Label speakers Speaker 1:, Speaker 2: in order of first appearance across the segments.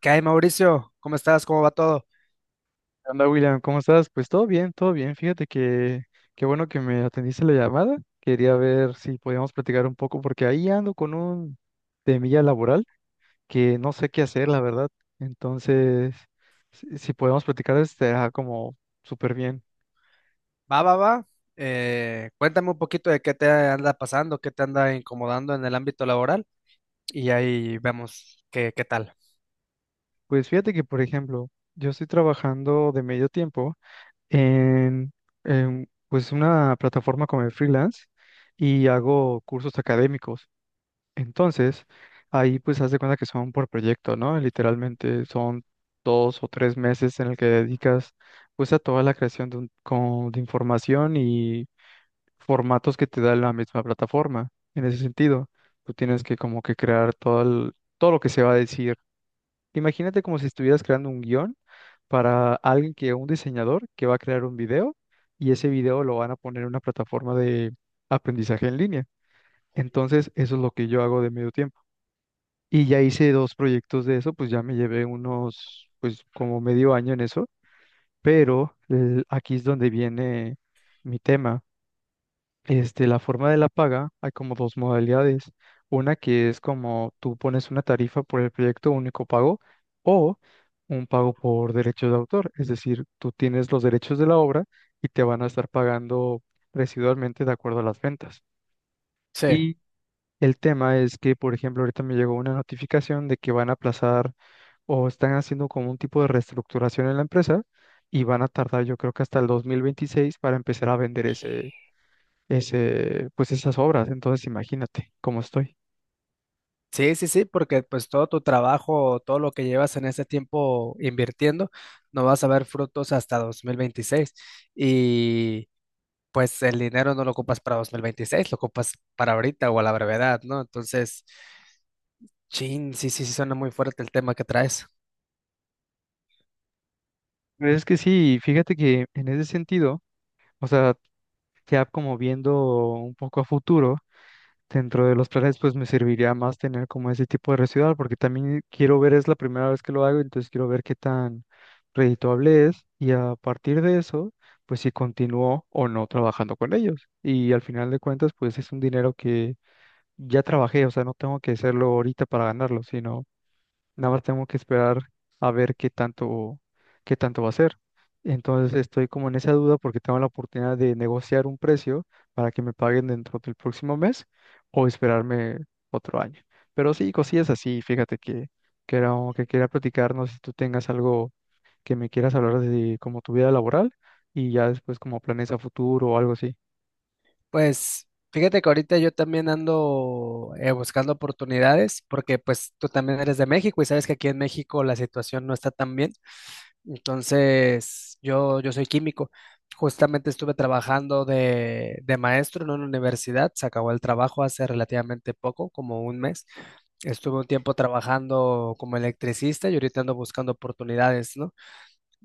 Speaker 1: ¿Qué hay, Mauricio? ¿Cómo estás? ¿Cómo va todo?
Speaker 2: ¿Qué onda, William? ¿Cómo estás? Pues todo bien, todo bien. Fíjate que qué bueno que me atendiste la llamada. Quería ver si podíamos platicar un poco porque ahí ando con un temilla laboral que no sé qué hacer, la verdad. Entonces, si podemos platicar, estará como súper bien.
Speaker 1: Va, va, va. Cuéntame un poquito de qué te anda pasando, qué te anda incomodando en el ámbito laboral y ahí vemos qué tal.
Speaker 2: Pues fíjate que, por ejemplo, yo estoy trabajando de medio tiempo en, en pues una plataforma como el freelance y hago cursos académicos. Entonces, ahí pues haz de cuenta que son por proyecto, ¿no? Literalmente son 2 o 3 meses en el que dedicas pues a toda la creación de, de información y formatos que te da la misma plataforma. En ese sentido, tú tienes que como que crear todo, todo lo que se va a decir. Imagínate como si estuvieras creando un guión para alguien que, un diseñador que va a crear un video y ese video lo van a poner en una plataforma de aprendizaje en línea. Entonces, eso es lo que yo hago de medio tiempo. Y ya hice dos proyectos de eso, pues ya me llevé unos, pues como medio año en eso, pero aquí es donde viene mi tema. La forma de la paga, hay como dos modalidades. Una que es como tú pones una tarifa por el proyecto único pago o un pago por derechos de autor. Es decir, tú tienes los derechos de la obra y te van a estar pagando residualmente de acuerdo a las ventas.
Speaker 1: Sí,
Speaker 2: El tema es que, por ejemplo, ahorita me llegó una notificación de que van a aplazar o están haciendo como un tipo de reestructuración en la empresa y van a tardar, yo creo que hasta el 2026 para empezar a vender pues esas obras. Entonces, imagínate cómo estoy.
Speaker 1: sí, sí, sí, porque pues todo tu trabajo, todo lo que llevas en ese tiempo invirtiendo, no vas a ver frutos hasta 2026 y pues el dinero no lo ocupas para 2026, lo ocupas para ahorita o a la brevedad, ¿no? Entonces, chin, sí, sí, sí, suena muy fuerte el tema que traes.
Speaker 2: Pero es que sí, fíjate que en ese sentido, o sea, ya como viendo un poco a futuro. Dentro de los planes, pues me serviría más tener como ese tipo de residual, porque también quiero ver, es la primera vez que lo hago, entonces quiero ver qué tan redituable es y a partir de eso, pues si continúo o no trabajando con ellos. Y al final de cuentas, pues es un dinero que ya trabajé, o sea, no tengo que hacerlo ahorita para ganarlo, sino nada más tengo que esperar a ver qué tanto va a ser. Entonces estoy como en esa duda porque tengo la oportunidad de negociar un precio para que me paguen dentro del próximo mes o esperarme otro año. Pero sí, cosillas así, fíjate que era algo que quería platicar, no sé si tú tengas algo que me quieras hablar de como tu vida laboral y ya después como planes a futuro o algo así.
Speaker 1: Pues fíjate que ahorita yo también ando buscando oportunidades porque pues tú también eres de México y sabes que aquí en México la situación no está tan bien. Entonces yo soy químico. Justamente estuve trabajando de maestro en una universidad. Se acabó el trabajo hace relativamente poco, como un mes. Estuve un tiempo trabajando como electricista y ahorita ando buscando oportunidades, ¿no?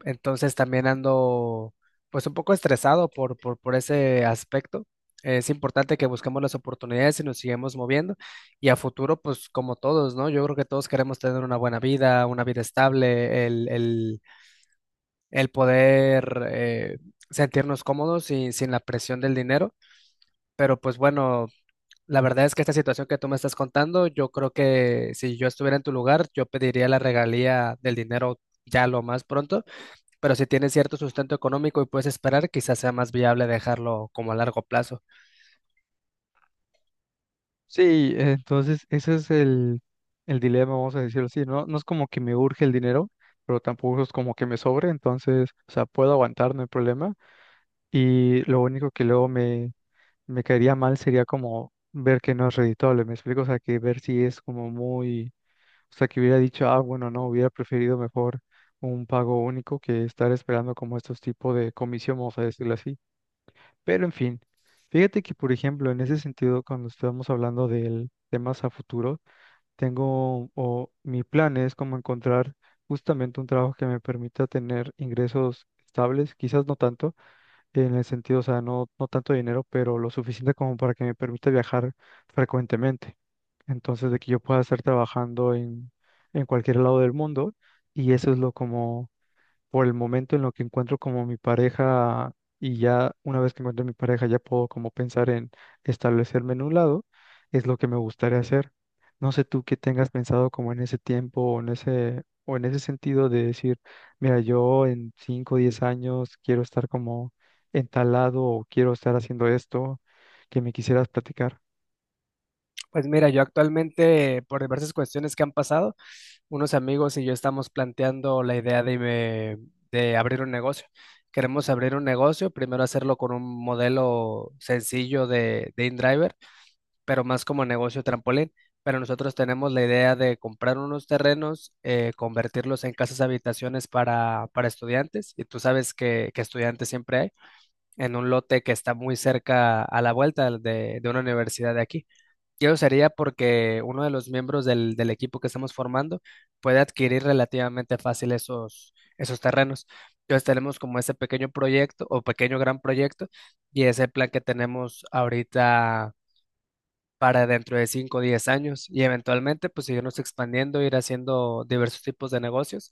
Speaker 1: Entonces también ando pues un poco estresado por ese aspecto. Es importante que busquemos las oportunidades y nos sigamos moviendo. Y a futuro, pues como todos, ¿no? Yo creo que todos queremos tener una buena vida, una vida estable, el poder sentirnos cómodos y sin la presión del dinero. Pero pues bueno, la verdad es que esta situación que tú me estás contando, yo creo que si yo estuviera en tu lugar, yo pediría la regalía del dinero ya lo más pronto, pero si tienes cierto sustento económico y puedes esperar, quizás sea más viable dejarlo como a largo plazo.
Speaker 2: Sí, entonces ese es el dilema, vamos a decirlo así, ¿no? No es como que me urge el dinero, pero tampoco es como que me sobre, entonces, o sea, puedo aguantar, no hay problema. Y lo único que luego me caería mal sería como ver que no es redituable, ¿me explico? O sea, que ver si es como muy, o sea, que hubiera dicho, ah, bueno, no, hubiera preferido mejor un pago único que estar esperando como estos tipos de comisión, vamos a decirlo así. Pero en fin, fíjate que, por ejemplo, en ese sentido, cuando estábamos hablando de temas a futuro, tengo o mi plan es como encontrar justamente un trabajo que me permita tener ingresos estables, quizás no tanto, en el sentido, o sea, no, no tanto dinero, pero lo suficiente como para que me permita viajar frecuentemente. Entonces, de que yo pueda estar trabajando en cualquier lado del mundo y eso es lo como por el momento en lo que encuentro como mi pareja y ya una vez que encuentro mi pareja ya puedo como pensar en establecerme en un lado, es lo que me gustaría hacer. No sé tú qué tengas pensado como en ese tiempo o en ese sentido de decir, mira, yo en cinco o 10 años quiero estar como entalado o quiero estar haciendo esto, que me quisieras platicar.
Speaker 1: Pues mira, yo actualmente, por diversas cuestiones que han pasado, unos amigos y yo estamos planteando la idea de abrir un negocio. Queremos abrir un negocio, primero hacerlo con un modelo sencillo de InDriver, pero más como negocio trampolín. Pero nosotros tenemos la idea de comprar unos terrenos, convertirlos en casas habitaciones para estudiantes, y tú sabes que estudiantes siempre hay, en un lote que está muy cerca a la vuelta de una universidad de aquí. Yo sería porque uno de los miembros del equipo que estamos formando puede adquirir relativamente fácil esos terrenos. Entonces tenemos como ese pequeño proyecto o pequeño gran proyecto, y ese plan que tenemos ahorita para dentro de cinco o 10 años y eventualmente pues seguirnos expandiendo, ir haciendo diversos tipos de negocios.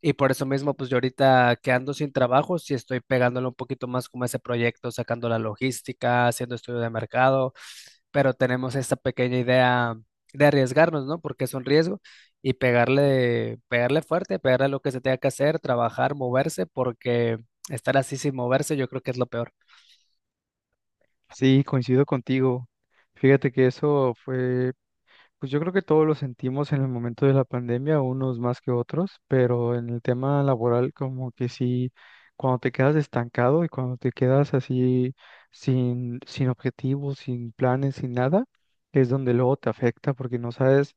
Speaker 1: Y por eso mismo, pues yo ahorita quedando sin trabajo, sí estoy pegándole un poquito más como a ese proyecto, sacando la logística, haciendo estudio de mercado, pero tenemos esta pequeña idea de arriesgarnos, ¿no? Porque es un riesgo y pegarle, pegarle fuerte, pegarle lo que se tenga que hacer, trabajar, moverse, porque estar así sin moverse yo creo que es lo peor.
Speaker 2: Sí, coincido contigo. Fíjate que eso fue pues yo creo que todos lo sentimos en el momento de la pandemia, unos más que otros, pero en el tema laboral como que sí, cuando te quedas estancado y cuando te quedas así sin objetivos, sin planes, sin nada, es donde luego te afecta porque no sabes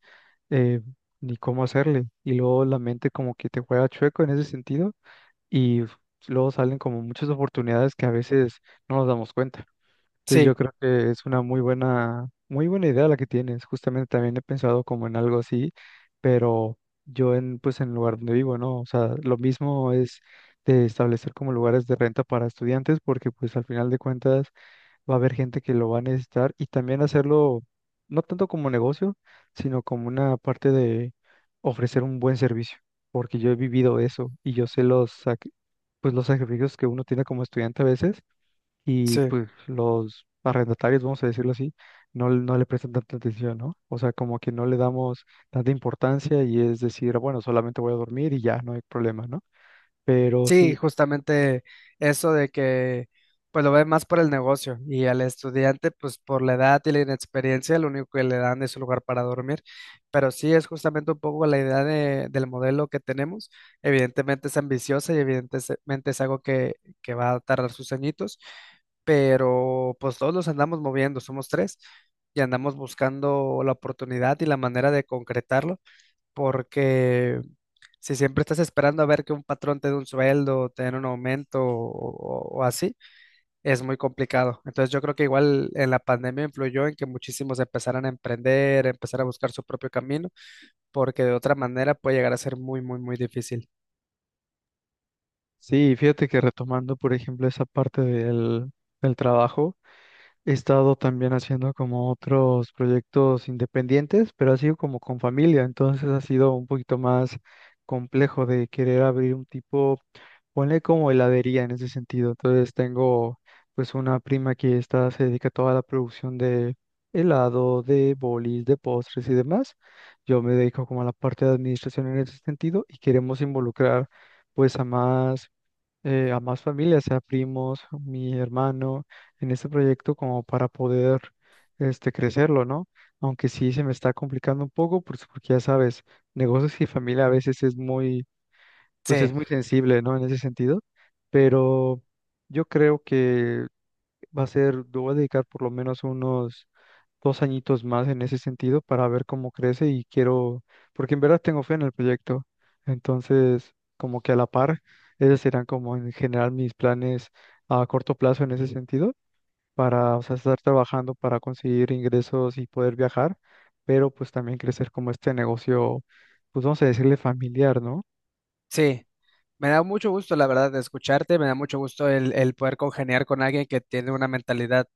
Speaker 2: eh, ni cómo hacerle y luego la mente como que te juega chueco en ese sentido y luego salen como muchas oportunidades que a veces no nos damos cuenta. Entonces yo
Speaker 1: Sí,
Speaker 2: creo que es una muy buena idea la que tienes. Justamente también he pensado como en algo así, pero yo en, pues en el lugar donde vivo, ¿no? O sea, lo mismo es de establecer como lugares de renta para estudiantes, porque pues al final de cuentas va a haber gente que lo va a necesitar y también hacerlo no tanto como negocio, sino como una parte de ofrecer un buen servicio, porque yo he vivido eso y yo sé pues los sacrificios que uno tiene como estudiante a veces y
Speaker 1: sí.
Speaker 2: pues los arrendatarios, vamos a decirlo así, no, no le prestan tanta atención, ¿no? O sea, como que no le damos tanta importancia y es decir, bueno, solamente voy a dormir y ya, no hay problema, ¿no? Pero
Speaker 1: Sí,
Speaker 2: sí,
Speaker 1: justamente eso de que pues lo ve más por el negocio y al estudiante pues por la edad y la inexperiencia lo único que le dan es un lugar para dormir, pero sí es justamente un poco la idea del modelo que tenemos, evidentemente es ambiciosa y evidentemente es algo que va a tardar sus añitos, pero pues todos los andamos moviendo, somos tres y andamos buscando la oportunidad y la manera de concretarlo, porque si siempre estás esperando a ver que un patrón te dé un sueldo, te den un aumento o así, es muy complicado. Entonces yo creo que igual en la pandemia influyó en que muchísimos empezaran a emprender, empezar a buscar su propio camino, porque de otra manera puede llegar a ser muy, muy, muy difícil.
Speaker 2: sí, fíjate que retomando, por ejemplo, esa parte del trabajo. He estado también haciendo como otros proyectos independientes, pero ha sido como con familia, entonces ha sido un poquito más complejo de querer abrir un tipo, ponle como heladería en ese sentido. Entonces tengo pues una prima que está, se dedica a toda la producción de helado, de bolis, de postres y demás. Yo me dedico como a la parte de administración en ese sentido y queremos involucrar pues a más familias, sea primos, mi hermano, en este proyecto como para poder crecerlo, ¿no? Aunque sí se me está complicando un poco, pues, porque ya sabes, negocios y familia a veces es muy, pues
Speaker 1: Sí,
Speaker 2: es muy sensible, ¿no? En ese sentido, pero yo creo que va a ser, yo voy a dedicar por lo menos unos 2 añitos más en ese sentido para ver cómo crece y quiero, porque en verdad tengo fe en el proyecto. Entonces, como que a la par, esos serán como en general mis planes a corto plazo en ese sentido, para, o sea, estar trabajando para conseguir ingresos y poder viajar, pero pues también crecer como este negocio, pues vamos a decirle familiar, ¿no?
Speaker 1: sí. Me da mucho gusto, la verdad, de escucharte, me da mucho gusto el poder congeniar con alguien que tiene una mentalidad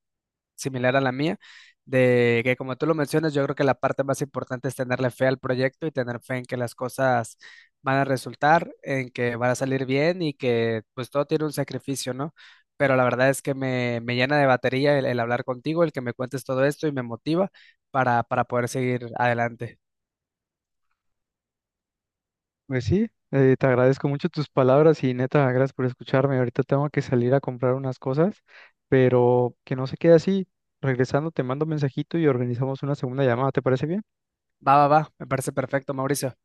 Speaker 1: similar a la mía, de que como tú lo mencionas, yo creo que la parte más importante es tenerle fe al proyecto y tener fe en que las cosas van a resultar, en que van a salir bien y que pues todo tiene un sacrificio, ¿no? Pero la verdad es que me llena de batería el hablar contigo, el que me cuentes todo esto y me motiva para poder seguir adelante.
Speaker 2: Pues sí, te agradezco mucho tus palabras y neta, gracias por escucharme. Ahorita tengo que salir a comprar unas cosas, pero que no se quede así. Regresando, te mando mensajito y organizamos una segunda llamada. ¿Te parece bien?
Speaker 1: Va, va, va, me parece perfecto, Mauricio.